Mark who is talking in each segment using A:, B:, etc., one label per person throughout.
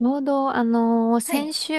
A: ちょうど、
B: は
A: 先
B: い。
A: 週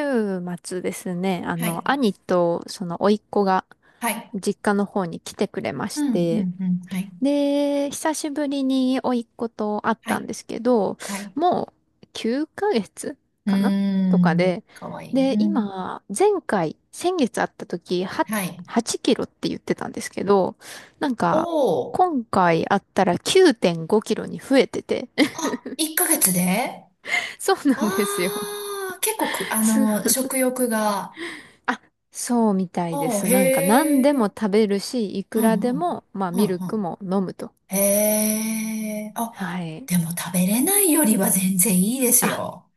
A: 末ですね、
B: はい。
A: 兄と、甥っ子が、
B: はい。
A: 実家の方に来てくれま
B: う
A: し
B: ん、う
A: て、
B: ん、うん。はい。
A: で、久しぶりに甥っ子と会っ
B: は
A: たん
B: い。
A: ですけど、
B: はい。
A: もう、9ヶ月かげつ
B: うー
A: かなとか
B: ん。
A: で、
B: かわいい。
A: で、
B: うん。
A: 今、前回、先月会った時、は、
B: はい。
A: 8キロって言ってたんですけど、なん
B: お
A: か、
B: お。
A: 今回会ったら9.5キロに増えてて、
B: あ、1ヶ月で。
A: そうな
B: あ
A: んですよ。
B: あー、結構 く、あ
A: す
B: の、食欲が。
A: あ、そうみたいで
B: おー
A: す。なんか何で
B: へ
A: も
B: え。
A: 食べるし、い
B: う
A: くら
B: ん、う
A: で
B: ん。
A: も、まあ
B: うん、
A: ミル
B: う
A: ク
B: ん。
A: も飲むと。
B: へえ。あ、
A: はい。
B: でも食べれないよりは全然いいです
A: あ、
B: よ。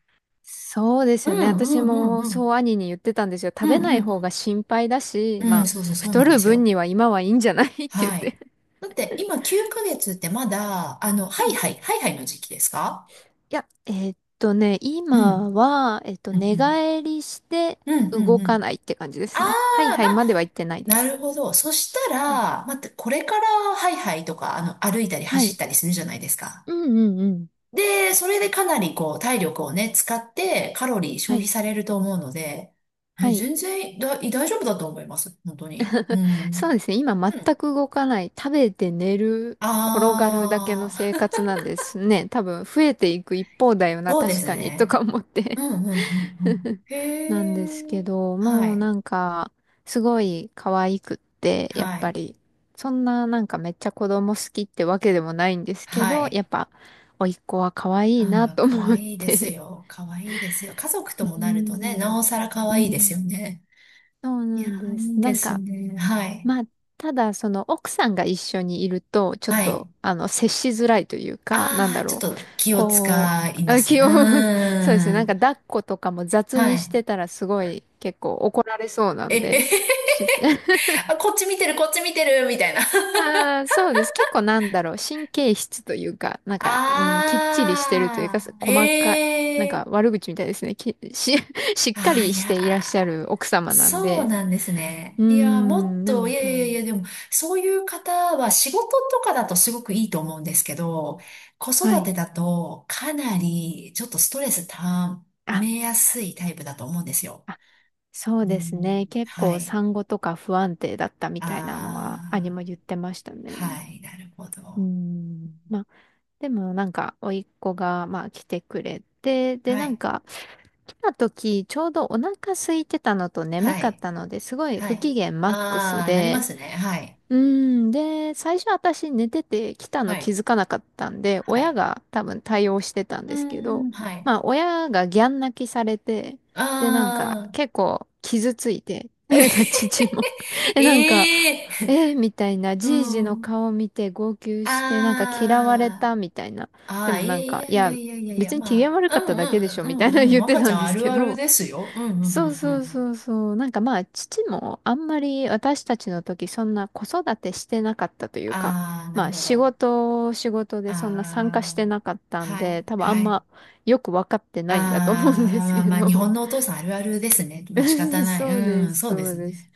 A: そうです
B: う
A: よね。
B: ん、う
A: 私
B: ん、うん、
A: も
B: う
A: そ
B: ん。
A: う兄に言ってたんですよ。
B: う
A: 食
B: ん、
A: べ
B: う
A: な
B: ん、う
A: い方が
B: ん。
A: 心配だし、
B: うん、
A: まあ
B: そうそう、そう
A: 太
B: なんで
A: る
B: す
A: 分
B: よ。
A: には今はいいんじゃない って言っ
B: はい。
A: て。
B: だって今9ヶ月ってまだ、ハ
A: はい
B: イ
A: い
B: ハイ、ハイハイの時期ですか？
A: や、
B: う
A: 今
B: ん。
A: は、
B: うん、
A: 寝
B: うん。
A: 返りして
B: うん、うん、
A: 動
B: う
A: か
B: ん。
A: ないって感じで
B: あ
A: すね。はい
B: あ、
A: は
B: ま
A: いまでは言
B: あ、
A: ってないで
B: な
A: す。
B: るほど。そした
A: はい。
B: ら、待ってこれからハイハイとか、歩いたり
A: は
B: 走っ
A: い。
B: たりするじゃないですか。
A: うんうんうん。
B: で、それでかなりこう、体力をね、使ってカロリー消
A: は
B: 費
A: い。
B: されると思うので、え、
A: はい。
B: 全然だ、大丈夫だと思います。本当に。う
A: そう
B: ん。
A: ですね。今
B: うん。
A: 全く動かない。食べて寝る、転がるだけの
B: あ
A: 生
B: あ、
A: 活なんですね。多分増えていく一方だよな、
B: そうで
A: 確
B: す
A: かに、と
B: ね。
A: か思って
B: うんうんうんうん。へ
A: なんですけ
B: え。
A: ど、
B: は
A: もう
B: い。
A: なんか、すごい可愛くって、やっ
B: は
A: ぱ
B: い。
A: り、そんななんかめっちゃ子供好きってわけでもないんですけ
B: は
A: ど、やっ
B: い。
A: ぱ、甥っ子は可愛いな
B: ああ、
A: と
B: かわ
A: 思っ
B: いいです
A: て
B: よ。かわいいですよ。家族と も
A: う
B: なるとね、な
A: ん。
B: おさらか
A: う
B: わいいですよ
A: ん。
B: ね。
A: そう
B: い
A: な
B: や
A: ん
B: ー、
A: で
B: い
A: す。
B: い
A: な
B: で
A: ん
B: す
A: か、
B: ね。はい。
A: まあ、ただ、その奥さんが一緒にいると、ちょっ
B: は
A: と、
B: い。
A: 接しづらいというか、なん
B: あ
A: だ
B: あ、ちょっ
A: ろう。
B: と気を
A: こ
B: 使い
A: う、
B: ま
A: あ、
B: すね。
A: 気
B: う
A: を そうですね。
B: ー
A: なん
B: ん。
A: か抱っことかも雑
B: は
A: にし
B: い。
A: てたらすごい結構怒られそうな
B: え、え
A: んで。
B: へへ
A: ちょ
B: あ、こっち見てる、こっち見てる、みたいな。
A: あー、そうです。結構なんだろう。神経質というか、なんか、うん、きっちりしてるというか、
B: ああ、
A: 細かい、なん
B: え
A: か
B: え。
A: 悪口みたいですね。しっか
B: ああ、
A: り
B: い
A: し
B: や
A: ていらっしゃ
B: ー。
A: る奥様なん
B: そう
A: で。
B: なんです
A: う
B: ね。
A: ー
B: いや、もっ
A: ん、な
B: と、い
A: ん
B: や
A: か、
B: いやいや、でも、そういう方は仕事とかだとすごくいいと思うんですけど、子
A: は
B: 育
A: い。
B: てだとかなりちょっとストレスた
A: あ
B: めやすいタイプだと思うんですよ。
A: あ、そう
B: う
A: ですね。
B: ん、
A: 結
B: は
A: 構
B: い。
A: 産後とか不安定だったみ
B: あ
A: たいなのは兄
B: あ、
A: も言ってましたね。
B: はい、なるほ
A: う
B: ど。
A: ん。まあ、でもなんか、甥っ子が、まあ、来てくれて、で、
B: は
A: なん
B: い、
A: か、来た時、ちょうどお腹空いてたのと眠
B: は
A: かっ
B: い、
A: たので、すごい
B: は
A: 不機
B: い。
A: 嫌マックス
B: ああ、なりま
A: で、
B: すね。はい、
A: うん。で、最初私寝てて来た
B: は
A: の気
B: い、
A: づかなかったんで、
B: は
A: 親
B: い。
A: が多分対応してたん
B: う
A: ですけ
B: ー
A: ど、
B: ん、はい。
A: まあ親がギャン泣きされて、
B: あ
A: で、なんか結構傷ついて、
B: あ、
A: でなんか父も え、なんか、
B: ええ
A: えーみたいな、
B: ー、う
A: じいじの
B: ん。
A: 顔見て号泣して、なんか嫌われ
B: あ
A: たみたいな。
B: あ、あ
A: で
B: あ、
A: も
B: い
A: な
B: や
A: ん
B: い
A: か、
B: や
A: い
B: いや
A: や、
B: いやいやいや、
A: 別に機嫌
B: ま
A: 悪
B: あ、
A: か
B: う
A: った
B: んう
A: だけでし
B: ん
A: ょ
B: う
A: み
B: ん
A: た
B: う
A: いな
B: んうん、
A: 言って
B: 若ち
A: た
B: ゃ
A: ん
B: ん
A: で
B: あ
A: す
B: る
A: け
B: ある
A: ど、
B: ですよ。うんうんう
A: そう
B: んうんう
A: そう
B: ん。
A: そうそう。なんかまあ、父もあんまり私たちの時そんな子育てしてなかったというか、
B: ああ、な
A: ま
B: る
A: あ
B: ほ
A: 仕
B: ど。
A: 事、仕事で
B: あ
A: そんな参加し
B: あ、
A: てなかったん
B: はい、
A: で、多分あ
B: は
A: ん
B: い。
A: まよく分かって
B: あ
A: ないんだと思うんで
B: あ、
A: す
B: まあ
A: け
B: まあ、日
A: ど。
B: 本のお父さんあるあるですね。まあ仕方 ない。
A: そう
B: う
A: で
B: ん、
A: す、
B: そうで
A: そう
B: す
A: です。
B: ね。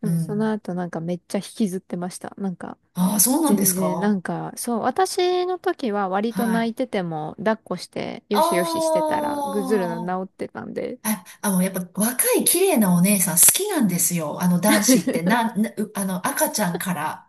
A: で
B: う
A: もその
B: ん。
A: 後なんかめっちゃ引きずってました。なんか
B: ああ、そうなんで
A: 全
B: す
A: 然、な
B: か？
A: んかそう、私の時は割
B: は
A: と泣
B: い。
A: いてても抱っこして
B: あ
A: よしよししてたらぐずるの治ってたんで。
B: あ、あ、やっぱ若い綺麗なお姉さん好きなんですよ。あの男子って、なん、なうあの赤ちゃんから。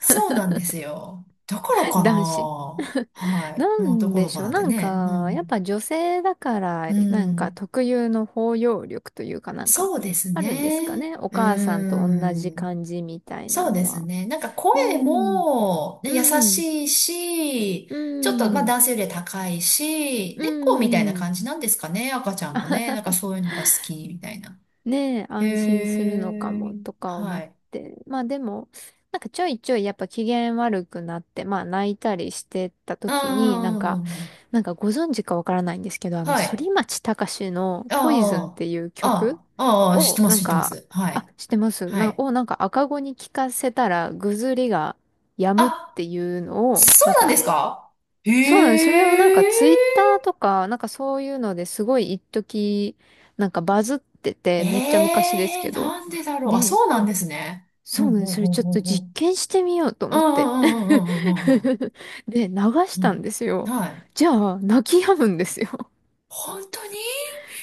B: そうなんですよ。だから か
A: 男子。
B: な。はい。
A: な
B: もうど
A: ん
B: こ
A: で
B: ど
A: し
B: こ
A: ょう。
B: なん
A: な
B: て
A: ん
B: ね。う
A: か、やっ
B: ん。
A: ぱ女性だか
B: う
A: ら、なんか
B: ん。
A: 特有の包容力というかなんか、
B: そうです
A: あるんですか
B: ね。
A: ね。お
B: う
A: 母さんと同じ
B: ん。
A: 感じみたい
B: そ
A: な
B: う
A: の
B: です
A: は。
B: ね。なんか
A: う
B: 声
A: ん、
B: も、ね、優
A: うん、
B: しいし、
A: う
B: ちょっとまあ
A: ん、
B: 男性より高いし、
A: う
B: 猫みたいな
A: ん。
B: 感じなんですかね。赤ちゃんもね。なんかそういうのが好きみたいな。
A: ねえ、
B: へ
A: 安心するのか
B: え。
A: もとか思っ
B: はい。
A: て。まあでも、なんかちょいちょいやっぱ機嫌悪くなって、まあ泣いたりしてた
B: う
A: 時に、なんか、
B: ん。
A: なんかご存知かわからないんですけど、あの、
B: は
A: 反
B: い。
A: 町隆史の
B: あ
A: ポイズンっていう
B: あ。
A: 曲
B: ああ。ああ。知っ
A: を、
B: てま
A: な
B: す、
A: ん
B: 知ってま
A: か、
B: す。は
A: あ、
B: い。
A: 知ってます
B: は
A: な、
B: い。
A: をなんか赤子に聞かせたらぐずりが止むっ
B: あ、
A: ていうのを、
B: そう
A: なん
B: なんで
A: か
B: すか？へ
A: そうなの、それをなんか
B: え。
A: ツイッターとか、なんかそういうのですごい一時なんかバズってて、めっちゃ
B: え
A: 昔です
B: え、
A: けど。
B: なんでだろう。あ、
A: で、
B: そうなんですね。ほ
A: そう
B: ん
A: なの、
B: ほん
A: それ
B: ほん
A: ちょっ
B: ほ
A: と
B: んほ
A: 実
B: ん。
A: 験してみようと
B: う
A: 思
B: んう
A: って。
B: んうんうんうんうんうん
A: で、流し
B: う
A: たんで
B: ん。
A: す
B: うん。
A: よ。
B: はい。
A: じゃあ、泣き止むんですよ。
B: 本当に。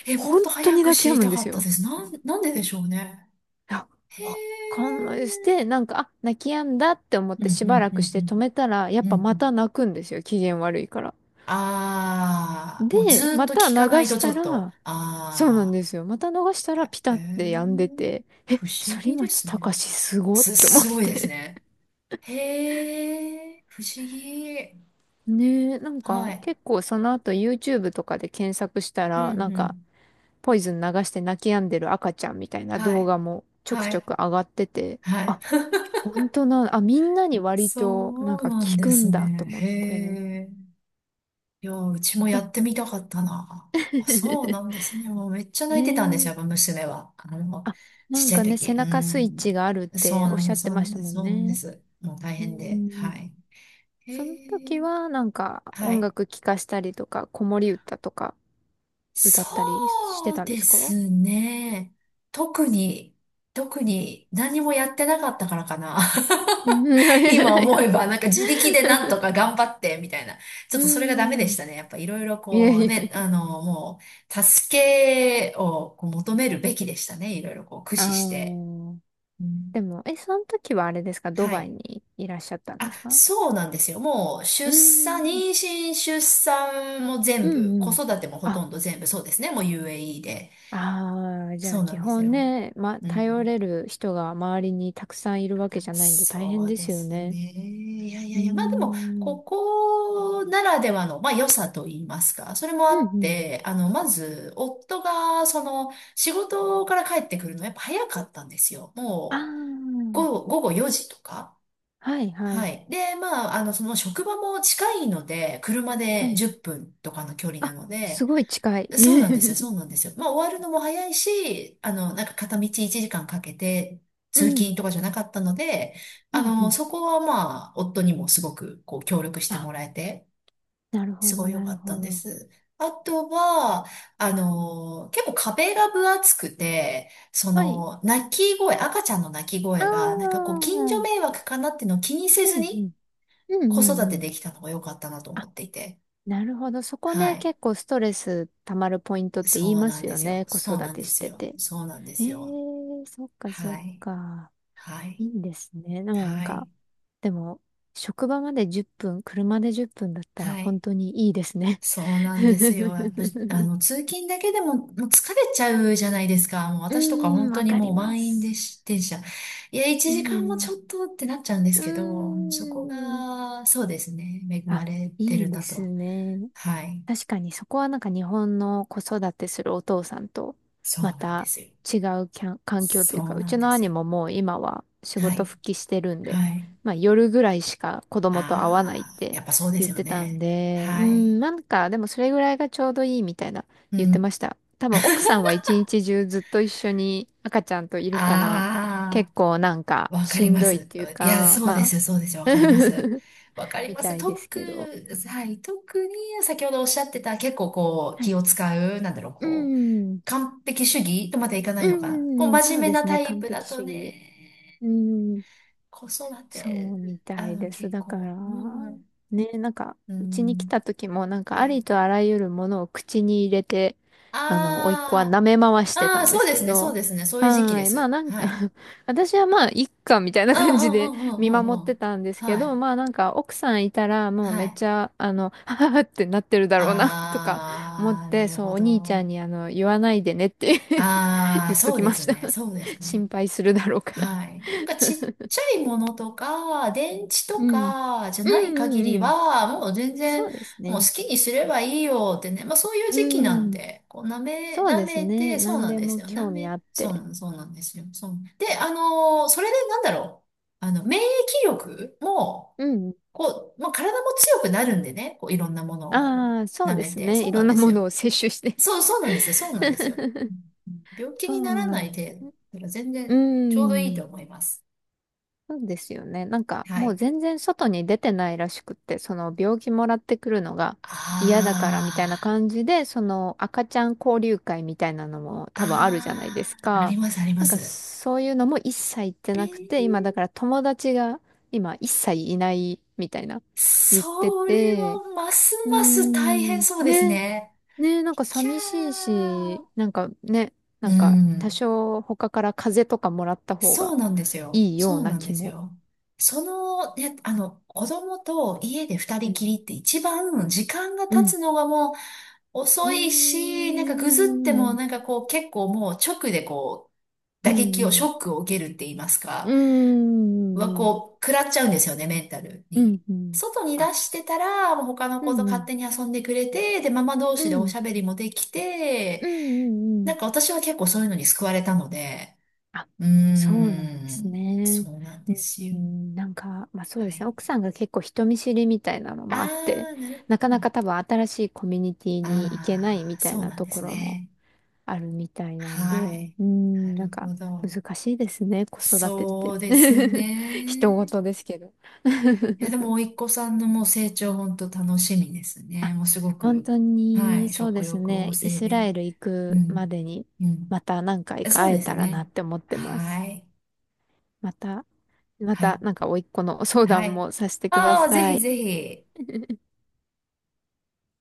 B: もっ
A: 本
B: と
A: 当
B: 早
A: に
B: く
A: 泣
B: 知
A: き止
B: り
A: むん
B: た
A: で
B: か
A: す
B: ったで
A: よ。
B: す。なんででしょうね。
A: いや、
B: へ
A: わ
B: え。
A: かんないです。で、なんか、あ、泣き止んだって思っ
B: うん
A: て
B: う
A: しば
B: ん
A: ら
B: う
A: くして止
B: ん
A: めたら、や
B: う
A: っ
B: ん。うんう
A: ぱま
B: ん。
A: た泣くんですよ。機嫌悪いから。
B: ああ、もう
A: で、
B: ずーっ
A: ま
B: と
A: た
B: 聞
A: 流
B: かないと
A: し
B: ちょ
A: た
B: っと。
A: ら、そうなん
B: あ
A: ですよ。また逃したら
B: あ、
A: ピタ
B: え
A: って止ん
B: え、
A: でて、え、
B: 不思
A: 反
B: 議で
A: 町
B: すね。
A: 隆史すごって思っ
B: すごいです
A: て。
B: ね。へえ、不思議。
A: ねえ、なん
B: は
A: か
B: い。
A: 結構その後 YouTube とかで検索した
B: う
A: ら、
B: ん
A: なん
B: う
A: か
B: ん。
A: ポイズン流して泣き止んでる赤ちゃんみたいな
B: は
A: 動
B: い。
A: 画もちょく
B: は
A: ちょく
B: い。
A: 上がってて、
B: はい。
A: あ、本当な、あ、みんなに割となん
B: そう
A: か
B: なん
A: 聞
B: で
A: く
B: す
A: んだと
B: ね。
A: 思っ
B: へ
A: て。
B: え。いや、うちもやってみたかったな。あ、そうなん ですね。もうめっちゃ泣
A: ね
B: いてたんですよ、やっぱ
A: え。
B: 娘は。
A: あ、
B: ち
A: な
B: っ
A: ん
B: ちゃい
A: かね、背
B: 時。う
A: 中スイッチ
B: ん。
A: があるっ
B: そ
A: て
B: う
A: おっ
B: なん
A: しゃ
B: で
A: っ
B: す、
A: て
B: そう
A: ま
B: な
A: し
B: ん
A: た
B: です、
A: もん
B: そうなんで
A: ね。
B: す。もう大
A: う
B: 変で。
A: ん。
B: はい。へ
A: その
B: え。
A: 時はなんか
B: は
A: 音
B: い。
A: 楽聴かしたりとか、子守歌とか歌ったりして
B: そう
A: たんで
B: で
A: すか？
B: すね。特に、特に何もやってなかったからかな。
A: うん、いやい や
B: 今
A: い
B: 思え
A: や。
B: ば、なんか自力でなんとか頑張って、みたいな。ちょ
A: う
B: っとそれがダメで
A: ん。
B: し たね。やっぱいろいろ
A: いや
B: こ
A: い
B: う
A: や
B: ね、
A: いや。
B: もう、助けをこう求めるべきでしたね。いろいろこう駆
A: あ
B: 使して。
A: ー、
B: う
A: で
B: ん。
A: も、え、その時はあれですかド
B: は
A: バイ
B: い。
A: にいらっしゃったんで
B: あ、
A: すか？
B: そうなんですよ。もう、
A: う
B: 出産、
A: ん。
B: 妊娠、出産も全
A: う
B: 部、
A: んう
B: 子
A: ん。
B: 育てもほと
A: あ、
B: んど全部、そうですね。もう UAE で。
A: ああ、じゃ
B: そ
A: あ
B: うな
A: 基
B: んです
A: 本
B: よ。
A: ね、ま、
B: う
A: 頼
B: ん。
A: れる人が周りにたくさんいるわけじゃないんで大変
B: そう
A: で
B: で
A: すよ
B: すね。
A: ね。
B: いやい
A: う
B: や
A: ー
B: いや、まあでも、
A: ん。
B: ここならではの、まあ良さと言いますか、それもあ
A: うん
B: っ
A: うん。
B: て、まず、夫が、仕事から帰ってくるのやっぱ早かったんですよ。も
A: あ
B: う、午後4時とか。
A: あ、はいは
B: は
A: い。
B: い。で、まあ、その職場も近いので、車
A: は
B: で
A: い。
B: 10分とかの距離な
A: あ、
B: の
A: す
B: で、
A: ごい近い。
B: そうなんですよ、そうなん ですよ。まあ、終わるのも早いし、なんか片道1時間かんかけて
A: う
B: 通勤
A: ん。
B: とかじゃなかったので、
A: うん、うん。
B: そこはまあ、夫にもすごくこう協力しても
A: あ、
B: らえて、
A: なるほ
B: す
A: ど、
B: ごい良
A: な
B: か
A: る
B: った
A: ほ
B: んで
A: ど。
B: す。あとは、結構壁が分厚くて、そ
A: はい。
B: の、泣き声、赤ちゃんの泣き
A: あ
B: 声
A: あ、
B: が、なんかこう、近所
A: うん、
B: 迷惑かなっていうのを気にせ
A: う
B: ずに
A: ん。うん、うん、
B: 子育て
A: うん。
B: できたのが良かったなと思
A: あ、
B: っていて、
A: なるほど。そこ
B: は
A: ね、
B: い。
A: 結構ストレス溜まるポイントって言い
B: そう
A: ま
B: なん
A: す
B: で
A: よ
B: すよ。
A: ね。子
B: そう
A: 育
B: なん
A: て
B: で
A: し
B: す
A: て
B: よ。
A: て。
B: そうなんで
A: え
B: すよ。
A: え、そっか、そ
B: は
A: っ
B: い。
A: か。
B: は
A: い
B: い。
A: いんですね。なん
B: は
A: か、
B: い。
A: でも、職場まで10分、車で10分だったら
B: は
A: 本
B: い。
A: 当にいいですね。
B: そうな んですよ。やっぱ、
A: う
B: 通勤だけでも、もう疲れちゃうじゃないですか。もう
A: ー
B: 私とか本
A: ん、
B: 当
A: わ
B: に
A: か
B: も
A: り
B: う
A: ま
B: 満員で
A: す。
B: し、電車。いや、1
A: う
B: 時間もち
A: ん。
B: ょっとってなっちゃうんです
A: う
B: けど、そこ
A: ーん。
B: が、そうですね。恵ま
A: あ、
B: れて
A: い
B: る
A: いで
B: なと
A: す
B: は。
A: ね。
B: はい。
A: 確かにそこはなんか日本の子育てするお父さんと
B: そう
A: ま
B: なんで
A: た
B: すよ。
A: 違うきゃん環境という
B: そ
A: か、
B: う
A: う
B: なん
A: ちの
B: です
A: 兄
B: よ。
A: ももう今は仕
B: は
A: 事
B: い。
A: 復帰してるんで、
B: はい。
A: まあ夜ぐらいしか子供と会わないっ
B: ああ、
A: て
B: やっぱそうで
A: 言
B: す
A: っ
B: よ
A: てたん
B: ね。
A: で、う
B: はい。
A: ん、なんかでもそれぐらいがちょうどいいみたいな
B: う
A: 言って
B: ん。
A: ました。多分奥さんは一日中ずっと一緒に赤ちゃんといるから、結
B: あ
A: 構なんか
B: あ、わか
A: し
B: り
A: ん
B: ま
A: どいっ
B: す。
A: ていう
B: いや、
A: か、
B: そうで
A: ま
B: すよ、そうですよ、
A: あ
B: わ かります。わかり
A: み
B: ま
A: た
B: す。
A: いですけど。
B: はい、特に先ほどおっしゃってた結構こう
A: は
B: 気
A: い。
B: を使う、なんだろう、
A: う
B: こう、
A: ん。
B: 完璧主義とまでいかな
A: う
B: いのかな。こう
A: ん。
B: 真
A: そ
B: 面
A: う
B: 目
A: で
B: な
A: す
B: タ
A: ね。
B: イ
A: 完
B: プだ
A: 璧主
B: と
A: 義。
B: ね、
A: うーん。
B: 子育
A: そう
B: て、
A: みたいです。
B: 結
A: だから、
B: 構、うん、
A: ね、なんか、
B: う
A: うちに来
B: ん、
A: た時も、なんか、
B: は
A: あ
B: い。
A: りとあらゆるものを口に入れて、甥っ子は
B: あ
A: 舐め回し
B: あ、
A: て
B: あ
A: た
B: あ、
A: んで
B: そう
A: す
B: で
A: け
B: すね、そう
A: ど、
B: ですね、そういう時期
A: は
B: で
A: ーい。まあ
B: す。
A: なん
B: は
A: か
B: い。
A: 私はまあ、いっか、みたいな
B: うん
A: 感
B: う
A: じで
B: んうんう
A: 見
B: んう
A: 守
B: ん
A: っ
B: う
A: て
B: ん。
A: たんですけ
B: は
A: ど、
B: い。
A: まあなんか、奥さんいたら、もうめ
B: は
A: っ
B: い。
A: ちゃ、ははってなってるだろうな、とか思っ
B: ああ、な
A: て、
B: る
A: そう、
B: ほ
A: お兄ちゃ
B: ど。
A: んに、言わないでねって
B: ああ、
A: 言っと
B: そう
A: き
B: で
A: まし
B: す
A: た。
B: ね。そうで す
A: 心
B: ね。
A: 配するだろうから。
B: はい。なんかちっちゃいものとか、電池と
A: うん。
B: かじゃ
A: う
B: な
A: ん
B: い
A: う
B: 限り
A: んうん。
B: は、もう全然、
A: そうです
B: もう好
A: ね。
B: きにすればいいよってね。まあそういう
A: う
B: 時期なん
A: ん。
B: で、こう舐め、
A: そう
B: 舐
A: です
B: め
A: ね。
B: て、そう
A: 何
B: なん
A: で
B: です
A: も
B: よ。舐
A: 興味
B: め、
A: あっ
B: そう
A: て。
B: なん、そうなんですよ。そう。で、それでなんだろう。免疫力も、
A: うん。
B: こう、まあ、体も強くなるんでね。こう、いろんなものをこ
A: ああ、
B: う、
A: そう
B: 舐
A: で
B: め
A: す
B: て。
A: ね。
B: そ
A: い
B: うな
A: ろ
B: ん
A: んな
B: です
A: も
B: よ。
A: のを摂取して。
B: そう、そうなんですよ。そうなんですよ。うん。病気
A: そ
B: にな
A: う
B: ら
A: な
B: ない
A: んで
B: 程
A: すよ
B: 度。
A: ね。
B: だから全
A: う
B: 然ちょうどいいと
A: ん。
B: 思います。
A: そうですよね。なんか
B: は
A: もう
B: い。
A: 全然外に出てないらしくって、その病気もらってくるのが嫌だからみたいな
B: あ
A: 感じで、その赤ちゃん交流会みたいなのも多分あるじゃないです
B: あ、ああ、あり
A: か。
B: ます、ありま
A: なんか
B: す。
A: そういうのも一切行って
B: え
A: なくて、今だ
B: ー、
A: から友達が今一切いないみたいな言って
B: それ
A: て、
B: はます
A: うー
B: ます大
A: ん、
B: 変そうです
A: ね、
B: ね。
A: ね、なんか
B: キャ
A: 寂しい
B: ー。
A: し、なんかね、な
B: う
A: んか多
B: ん。
A: 少他から風邪とかもらった方
B: そ
A: が
B: うなんですよ。
A: いいよう
B: そう
A: な
B: なん
A: 気
B: です
A: も。
B: よ。ね、子供と家で二
A: う
B: 人き
A: ん。
B: りって一番時間が
A: う
B: 経
A: ん。
B: つのがもう、
A: う
B: 遅
A: ー
B: いし、なんかぐずっても
A: ん。
B: なんかこう結構もう直でこう
A: う
B: 打撃を、ショ
A: ん。
B: ックを受けるって言います
A: う
B: か、は
A: ん。うん。
B: こう食らっちゃうんですよね、メンタル
A: う
B: に。
A: ん。うん。
B: 外に出
A: あ、
B: してたら、もう他の
A: う
B: 子と勝
A: ん。
B: 手に遊んでくれて、で、ママ同
A: う
B: 士
A: ん。
B: で
A: う
B: おし
A: ん。
B: ゃべりもできて、
A: うん。う
B: な
A: ん。
B: んか私は結構そういうのに救われたので、
A: あ、
B: うー
A: そうなんです
B: ん、
A: ね。
B: そうなん
A: うん
B: です
A: う
B: よ。
A: ん。なんか、まあ、そう
B: は
A: ですね。
B: い。
A: 奥さんが結構人見知りみたいなのもあって、
B: あー、なる
A: な
B: ほ
A: かな
B: ど。
A: か多分新しいコミュニティに行けない
B: あ
A: み
B: ー、
A: たい
B: そう
A: な
B: なん
A: と
B: で
A: こ
B: す
A: ろも
B: ね。
A: あるみたいなんで、
B: はい。
A: う
B: な
A: ん。な
B: る
A: んか、
B: ほど。
A: 難しいですね。子育てっ
B: そ
A: て。
B: うです
A: 人
B: ね。
A: 事ですけど。
B: いや、でも、甥っ子さんのもう成長、本当楽しみですね。
A: あ、
B: もうすご
A: 本
B: く、
A: 当
B: は
A: に、
B: い、
A: そう
B: 食
A: です
B: 欲旺
A: ね。イ
B: 盛
A: スラ
B: で。
A: エル行
B: う
A: くま
B: ん、
A: でに、
B: う
A: ま
B: ん。
A: た何回か
B: そう
A: 会え
B: です
A: たらな
B: ね。
A: って思ってます。
B: はい、
A: また、ま
B: は
A: た、
B: い、
A: なんか、甥っ子の相
B: は
A: 談
B: い。
A: もさせてくだ
B: ああ、ぜ
A: さ
B: ひ
A: い。
B: ぜひ。